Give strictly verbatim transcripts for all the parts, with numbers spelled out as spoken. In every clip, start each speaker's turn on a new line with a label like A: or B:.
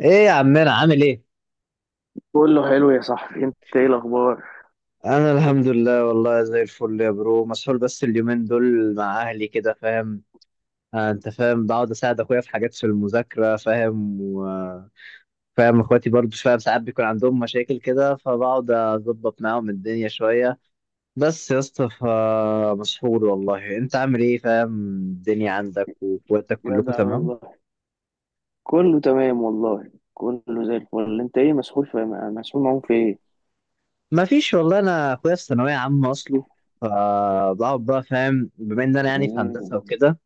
A: ايه يا عمنا عامل ايه؟
B: كله حلو يا صاحبي، انت ايه الاخبار؟
A: انا الحمد لله والله زي الفل يا برو، مسحول بس اليومين دول مع اهلي كده فاهم. آه انت فاهم، بقعد اساعد اخويا في حاجات في المذاكره فاهم، و فاهم اخواتي برضو فاهم، ساعات بيكون عندهم مشاكل كده فبقعد اظبط معاهم الدنيا شويه. بس يا اسطى فمسحول والله. انت عامل ايه فاهم؟ الدنيا عندك واخواتك كلكم
B: جدع
A: تمام؟
B: والله. كله تمام والله، كله زي الفل. انت ايه مسحول في مسحول معاهم في ايه؟
A: ما فيش والله، انا اخويا في ثانويه عامه اصله، فبقعد بقى فاهم بما ان انا يعني في
B: مم.
A: هندسه وكده،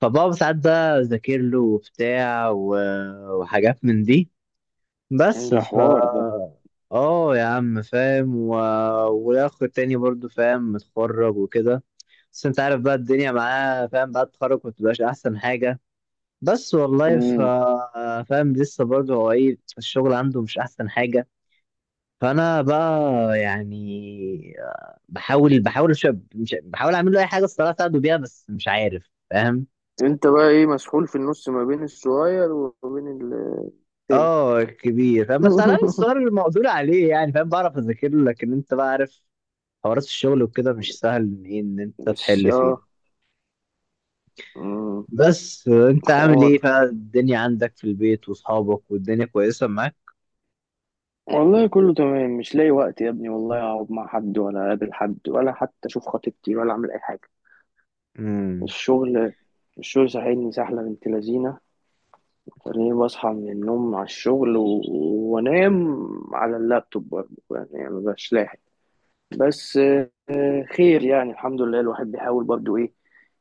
A: فبابا ساعات بقى أذاكر له وبتاع و- وحاجات من دي. بس
B: ده
A: ف
B: حوار ده.
A: اه يا عم فاهم و... والاخ التاني برضو فاهم متخرج وكده، بس انت عارف بقى الدنيا معاه فاهم، بعد التخرج مبتبقاش احسن حاجة. بس والله ف...
B: مم.
A: فاهم لسه برضو، هو ايه الشغل عنده مش احسن حاجة. فانا بقى يعني بحاول بحاول أش- مش... بحاول اعمل له اي حاجة الصراحة اساعده بيها، بس مش عارف فاهم.
B: انت بقى ايه مسحول في النص ما بين الصغير وما بين التاني؟
A: اه كبير فاهم، بس على الاقل السؤال المقدور عليه يعني، فاهم بعرف اذاكر له، لكن انت بقى عارف حوارات الشغل وكده مش سهل ان ايه ان انت
B: مش
A: تحل
B: اه.
A: فيه.
B: مم.
A: بس آه، انت عامل
B: حوار.
A: ايه بقى؟ الدنيا عندك في البيت واصحابك والدنيا كويسه معاك؟
B: والله كله تمام، مش لاقي وقت يا ابني والله اقعد مع حد ولا اقابل حد ولا حتى اشوف خطيبتي ولا اعمل اي حاجه.
A: امم
B: الشغل، الشغل ساحلني سحله بنت لذينه. تاني بصحى من النوم على الشغل و- وانام على اللابتوب، برضه يعني مبقاش لاحق. بس آه، خير، يعني الحمد لله الواحد بيحاول برضه ايه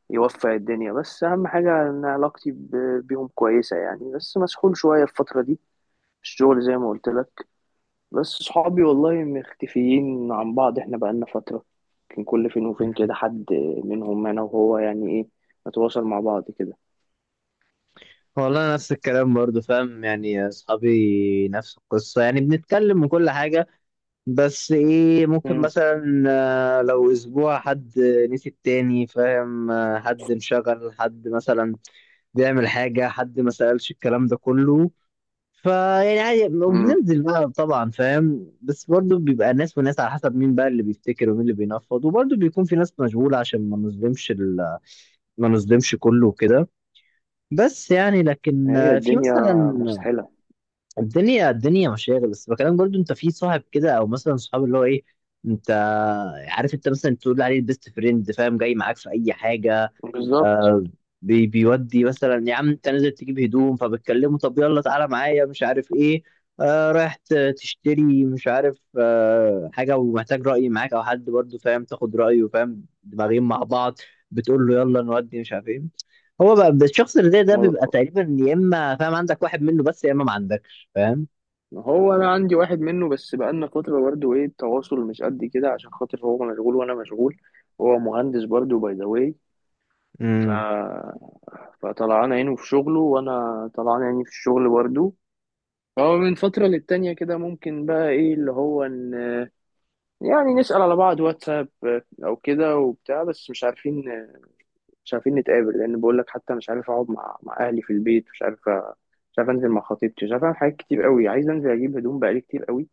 B: يوفق الدنيا، بس اهم حاجة ان علاقتي ب- بيهم كويسة يعني، بس مسحول شوية الفترة دي، الشغل زي ما قلت لك. بس صحابي والله مختفيين عن بعض، احنا بقالنا فترة كان كل فين وفين كده حد منهم انا وهو يعني ايه نتواصل مع بعض كده.
A: والله أنا نفس الكلام برضو فاهم، يعني اصحابي نفس القصه يعني بنتكلم من كل حاجه، بس ايه، ممكن
B: امم.
A: مثلا آه، لو اسبوع حد نسي التاني فاهم، آه، حد انشغل، حد مثلا بيعمل حاجة، حد ما سألش، الكلام ده كله فيعني عادي.
B: امم.
A: وبننزل بقى طبعا فاهم، بس برضه بيبقى ناس وناس على حسب مين بقى اللي بيفتكر ومين اللي بينفض، وبرضه بيكون في ناس مشغولة عشان ما نظلمش ال... ما نظلمش كله وكده. بس يعني لكن
B: هي
A: آه، في
B: الدنيا
A: مثلا
B: مسحلة.
A: الدنيا الدنيا مشاغل، بس بكلام برضه، انت في صاحب كده او مثلا صحاب، اللي هو ايه، انت عارف انت مثلا تقول عليه البيست فريند فاهم، جاي معاك في اي حاجة.
B: بالظبط.
A: آه بي بيودي مثلا يا عم، انت نازل تجيب هدوم فبتكلمه طب يلا تعالى معايا مش عارف ايه، آه رايح ت- تشتري مش عارف آه حاجة ومحتاج رأي معاك او حد برضو فاهم تاخد رأيه، فاهم، دماغين مع بعض، بتقول له يلا نودي مش عارف ايه. هو بقى الشخص اللي زي ده
B: هو
A: بيبقى تقريبا يا اما فاهم عندك واحد منه بس، يا اما ما عندكش فاهم.
B: هو انا عندي واحد منه بس، بقالنا فتره برضه ايه التواصل مش قد كده عشان خاطر هو مشغول وانا مشغول. هو مهندس برضه باي ذا واي. ف...
A: امم.
B: فطلعان عينه في شغله وانا طلعان عيني في الشغل برضه. فهو من فتره للتانيه كده ممكن بقى ايه اللي هو ان يعني نسال على بعض واتساب او كده وبتاع، بس مش عارفين مش عارفين نتقابل. لان بقول لك حتى مش عارف اقعد مع مع اهلي في البيت، مش عارف مش عارف انزل مع خطيبتي، مش عارف اعمل حاجات كتير قوي. عايز انزل اجيب هدوم بقالي كتير قوي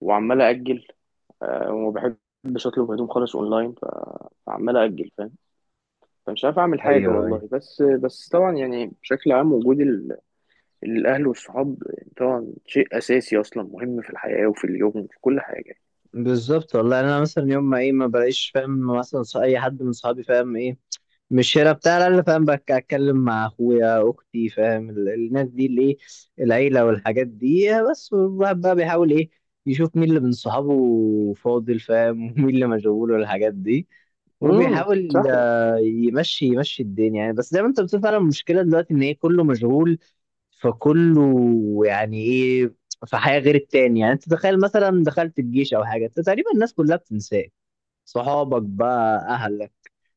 B: وعمال اجل، آه، وما بحبش اطلب هدوم خالص اونلاين ف- فعمال اجل، فاهم؟ فمش عارف اعمل حاجه
A: ايوه ايوه
B: والله. بس بس طبعا يعني بشكل عام وجود ال- الاهل والصحاب طبعا شيء اساسي اصلا، مهم في الحياه وفي اليوم وفي كل حاجه.
A: بالظبط والله. يعني انا مثلا يوم ما ايه ما بلاقيش فاهم مثلا ص- اي حد من صحابي فاهم ايه، مش هنا بتاع انا، فاهم بك اتكلم مع اخويا اختي، فاهم ال- الناس دي اللي ايه، العيله والحاجات دي. بس الواحد بقى بيحاول ايه، يشوف مين اللي من صحابه فاضل فاهم ومين اللي مشغول والحاجات دي،
B: امم.
A: وبيحاول
B: سهله.
A: آه، يمشي يمشي الدنيا يعني. بس زي ما انت بتقول فعلا، المشكله دلوقتي ان ايه، كله مشغول، فكله يعني ايه، في حياه غير التاني. يعني انت تخيل مثلا دخلت الجيش او حاجه، انت تقريبا الناس كلها بتنساك، صحابك بقى اهلك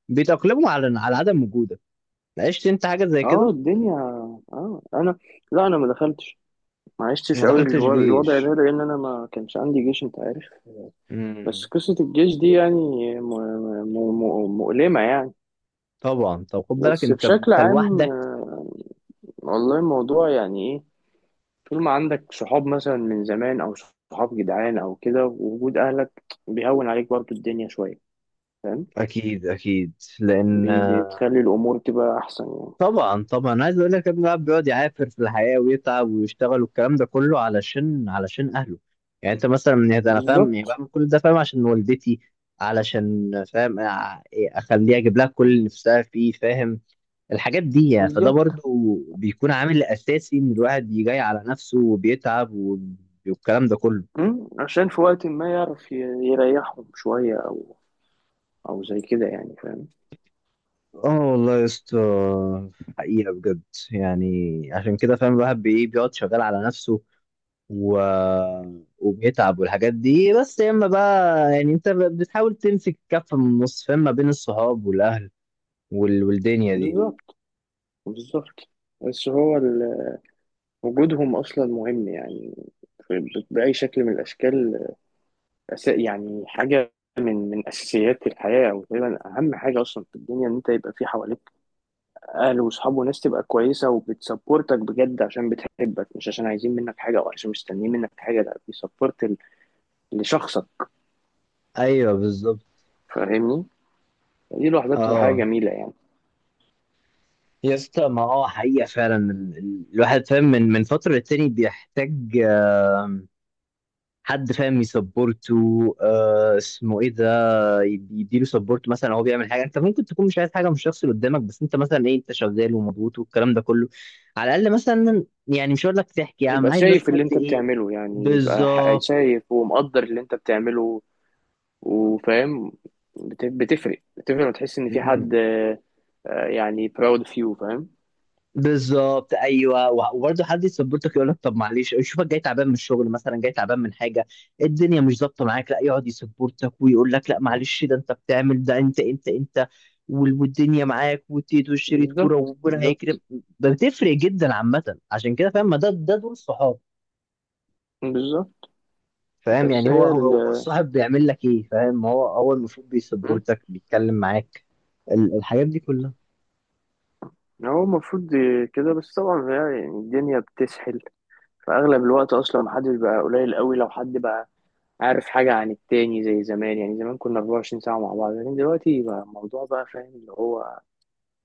A: بيتأقلموا على على عدم وجودك. عشت انت حاجه زي
B: اه
A: كده؟
B: الدنيا. اه انا، لا انا ما دخلتش، ما
A: ما
B: عشتش قوي
A: دخلتش
B: الو- الوضع ده
A: جيش.
B: لان انا ما كانش عندي جيش، انت عارف. بس
A: امم.
B: قصه الجيش دي يعني م- م- م- مؤلمه يعني.
A: طبعا، طب خد بالك
B: بس
A: انت
B: بشكل
A: انت
B: عام
A: لوحدك.
B: آه، والله الموضوع يعني إيه، طول ما عندك صحاب مثلا من زمان او صحاب جدعان او كده، ووجود اهلك بيهون عليك برضو الدنيا شويه، فاهم؟
A: اكيد اكيد، لان
B: بي- بتخلي الامور تبقى احسن يعني.
A: طبعا طبعا عايز اقول لك ابن الاب بيقعد يعافر في الحياه ويتعب ويشتغل والكلام ده كله علشان علشان اهله، يعني انت مثلا من هذا انا فاهم، يعني
B: بالظبط
A: بعمل كل ده فاهم عشان والدتي، علشان فاهم أع- اخليها اجيب لها كل اللي نفسها فيه، فاهم الحاجات دي يعني. فده
B: بالظبط.
A: برضو بيكون عامل اساسي ان الواحد يجي على نفسه وبيتعب والكلام ده كله.
B: أمم، عشان في وقت ما يعرف ي- يريحهم شويه او او زي كده يعني، فاهم؟
A: اه والله يا اسطى حقيقة بجد، يعني عشان كده فاهم الواحد بي- بيقعد شغال على نفسه و... وبيتعب والحاجات دي، بس يا اما بقى يعني انت ب- بتحاول تمسك كفة من النص فاهم، ما بين الصحاب والاهل وال... والدنيا دي.
B: بالظبط بالظبط. بس هو ال- وجودهم اصلا مهم يعني في- باي شكل من الاشكال. أس- يعني حاجه من من اساسيات الحياه، او تقريبا اهم حاجه اصلا في الدنيا ان انت يبقى في حواليك اهل وصحاب وناس تبقى كويسه وبتسبورتك بجد، عشان بتحبك مش عشان عايزين منك حاجه او عشان مستنيين منك حاجه. لا بيسبورت ال- لشخصك،
A: ايوه بالظبط.
B: فاهمني؟ دي لوحدها بتبقى حاجه
A: اه
B: جميله يعني.
A: يا اسطى، ما هو حقيقة فعلا ال- ال- الواحد فاهم من من فترة للتاني بيحتاج آم، حد فاهم يسبورته، آه اسمه ايه ده، يديله سبورت. مثلا هو بيعمل حاجه، انت ممكن تكون مش عايز حاجه من الشخص اللي قدامك، بس انت مثلا ايه، انت شغال ومضغوط والكلام ده كله، على الاقل مثلا يعني مش هقول لك تحكي يا عم،
B: يبقى
A: عايز بس
B: شايف اللي
A: حد
B: انت
A: ايه،
B: بتعمله، يعني يبقى ح-
A: بالظبط.
B: شايف ومقدر اللي انت بتعمله وفاهم. بت- بتفرق بتفرق وتحس ان في
A: مم.
B: حد، آه، آه، يعني proud of you، فاهم؟
A: بالظبط ايوه، وبرضه حد يسبورتك، يقول لك طب معلش، يشوفك جاي تعبان من الشغل مثلا، جاي تعبان من حاجه، الدنيا مش ظابطه معاك، لا يقعد يسبورتك ويقول لك لا معلش ده انت بتعمل، ده انت انت انت وال- والدنيا معاك وتيت وشريط كوره
B: بالظبط
A: وربنا هيكرم.
B: بالظبط
A: بتفرق جدا عامه، عشان كده فاهم ما ده ده دول الصحاب
B: بالظبط.
A: فاهم،
B: بس
A: يعني هو
B: هي
A: هو
B: ال،
A: هو الصاحب بيعمل لك ايه فاهم، هو هو المفروض
B: مم.
A: بيسبورتك، بيتكلم معاك ال- الحاجات دي كلها.
B: هو المفروض كده. بس طبعا هي يعني الدنيا بتسحل، فاغلب الوقت اصلا محدش، بقى قليل قوي لو حد بقى عارف حاجه عن التاني زي زمان. يعني زمان كنا اربعه وعشرين ساعه مع بعض، لكن دلوقتي بقى الموضوع بقى فاهم اللي هو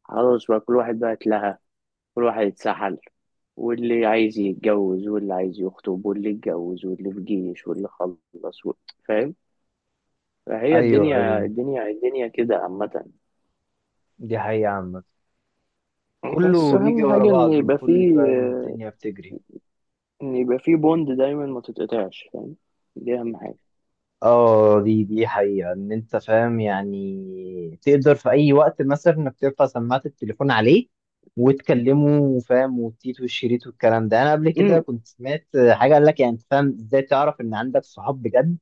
B: خلاص، بقى كل واحد بقى اتلهى، كل واحد اتسحل، واللي عايز يتجوز واللي عايز يخطب واللي اتجوز واللي في جيش واللي خلص و- فاهم؟ فهي
A: ايوه
B: الدنيا
A: ايوه
B: الدنيا الدنيا كده عامه.
A: دي حقيقة عامة،
B: بس
A: كله بيجي
B: اهم
A: ورا
B: حاجه ان
A: بعضه
B: يبقى
A: وكله
B: فيه،
A: فاهم، الدنيا بتجري.
B: ان يبقى فيه بوند دايما ما تتقطعش، فاهم؟ دي اهم حاجه.
A: اه دي دي حقيقة، ان انت فاهم يعني تقدر في اي وقت مثلا انك ترفع سماعة التليفون عليه وتكلمه فاهم، والتيت والشريط والكلام ده. انا قبل كده
B: امم.
A: كنت سمعت حاجة قال لك يعني انت فاهم ازاي تعرف ان عندك صحاب بجد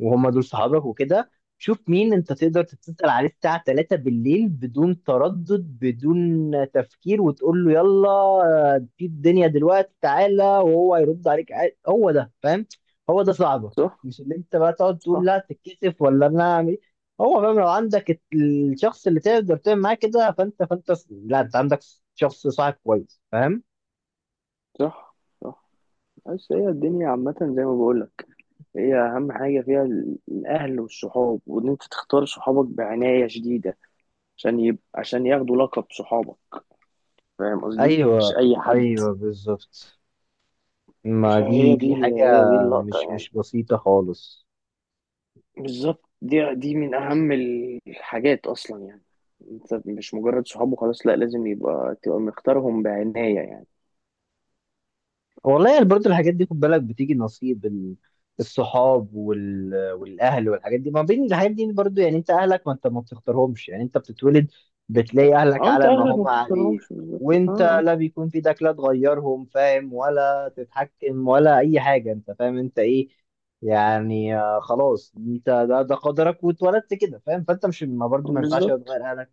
A: وهم دول صحابك وكده، شوف مين انت تقدر تتصل عليه الساعة ثلاثة بالليل بدون تردد بدون تفكير وتقول له يلا آه، في الدنيا دلوقتي تعالى، وهو هيرد عليك عاد- هو ده فاهم، هو ده صعبه.
B: صح.
A: مش اللي انت بقى تقعد تقول
B: صح.
A: لا تتكسف ولا انا اعمل ايه، هو فاهم، لو عندك الت- الشخص اللي تقدر تعمل معاه كده فانت فانت ص- لا انت عندك شخص صاحب كويس فاهم.
B: صح. صح. بس هي الدنيا عامة زي ما بقولك، هي أهم حاجة فيها ال- الأهل والصحاب، وإن أنت تختار صحابك بعناية شديدة عشان يب... عشان ياخدوا لقب صحابك، فاهم قصدي؟ مش
A: ايوه
B: أي حد.
A: ايوه بالظبط، ما دي
B: فهي دي
A: دي
B: ال...
A: حاجة
B: هي دي اللقطة
A: مش
B: يعني.
A: مش بسيطة خالص.
B: بالظبط، دي دي من أهم الحاجات أصلا يعني. أنت مش مجرد صحاب وخلاص، لأ لازم يبقى تبقى مختارهم بعناية يعني.
A: والله يعني برضه الحاجات دي خد بالك، بتيجي نصيب ال- الصحاب وال... والاهل والحاجات دي، ما بين الحاجات دي برضه يعني، انت اهلك ما انت ما بتختارهمش، يعني انت بتتولد بتلاقي اهلك
B: أه أنت
A: على ما
B: أهلك ما
A: هم عليه،
B: بتختارهمش، بالظبط.
A: وانت
B: أه
A: لا بيكون في ايدك لا تغيرهم فاهم، ولا تتحكم ولا اي حاجه، انت فاهم انت ايه يعني، آه، خلاص انت ده ده قدرك واتولدت كده فاهم، فانت مش ما
B: أه
A: برضه ما ينفعش
B: بالظبط،
A: تغير اهلك.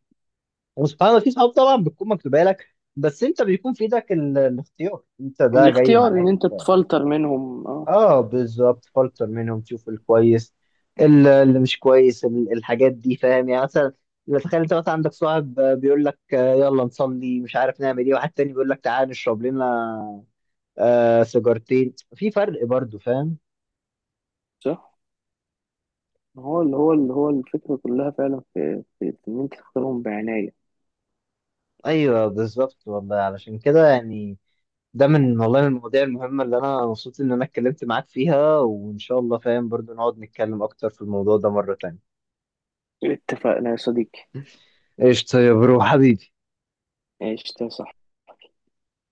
A: وسبحان الله في صحاب طبعا بتكون مكتوبه لك، بس انت بيكون في ايدك ال- الاختيار، انت ده جاي
B: الاختيار إن
A: معاك.
B: أنت تفلتر منهم، أه.
A: اه بالظبط، فلتر منهم تشوف الكويس ال- اللي مش كويس ال- الحاجات دي فاهم. يعني مثلا لو تخيل انت مثلا عندك صاحب آه، بيقول لك آه، يلا نصلي مش عارف نعمل ايه، واحد تاني بيقول لك تعال نشرب لنا آه سيجارتين، في فرق برضو فاهم.
B: صح. هو اللي هو اللي هو الفكرة كلها فعلا في, في إن أنت تختارهم بعناية.
A: ايوه بالظبط والله، علشان كده يعني ده من والله من المواضيع المهمة اللي انا مبسوط ان انا اتكلمت معاك فيها، وان شاء الله فاهم برضو نقعد نتكلم اكتر في الموضوع ده مرة تانية.
B: اتفقنا يا صديقي.
A: قشطة يا برو حبيبي.
B: عشت صح.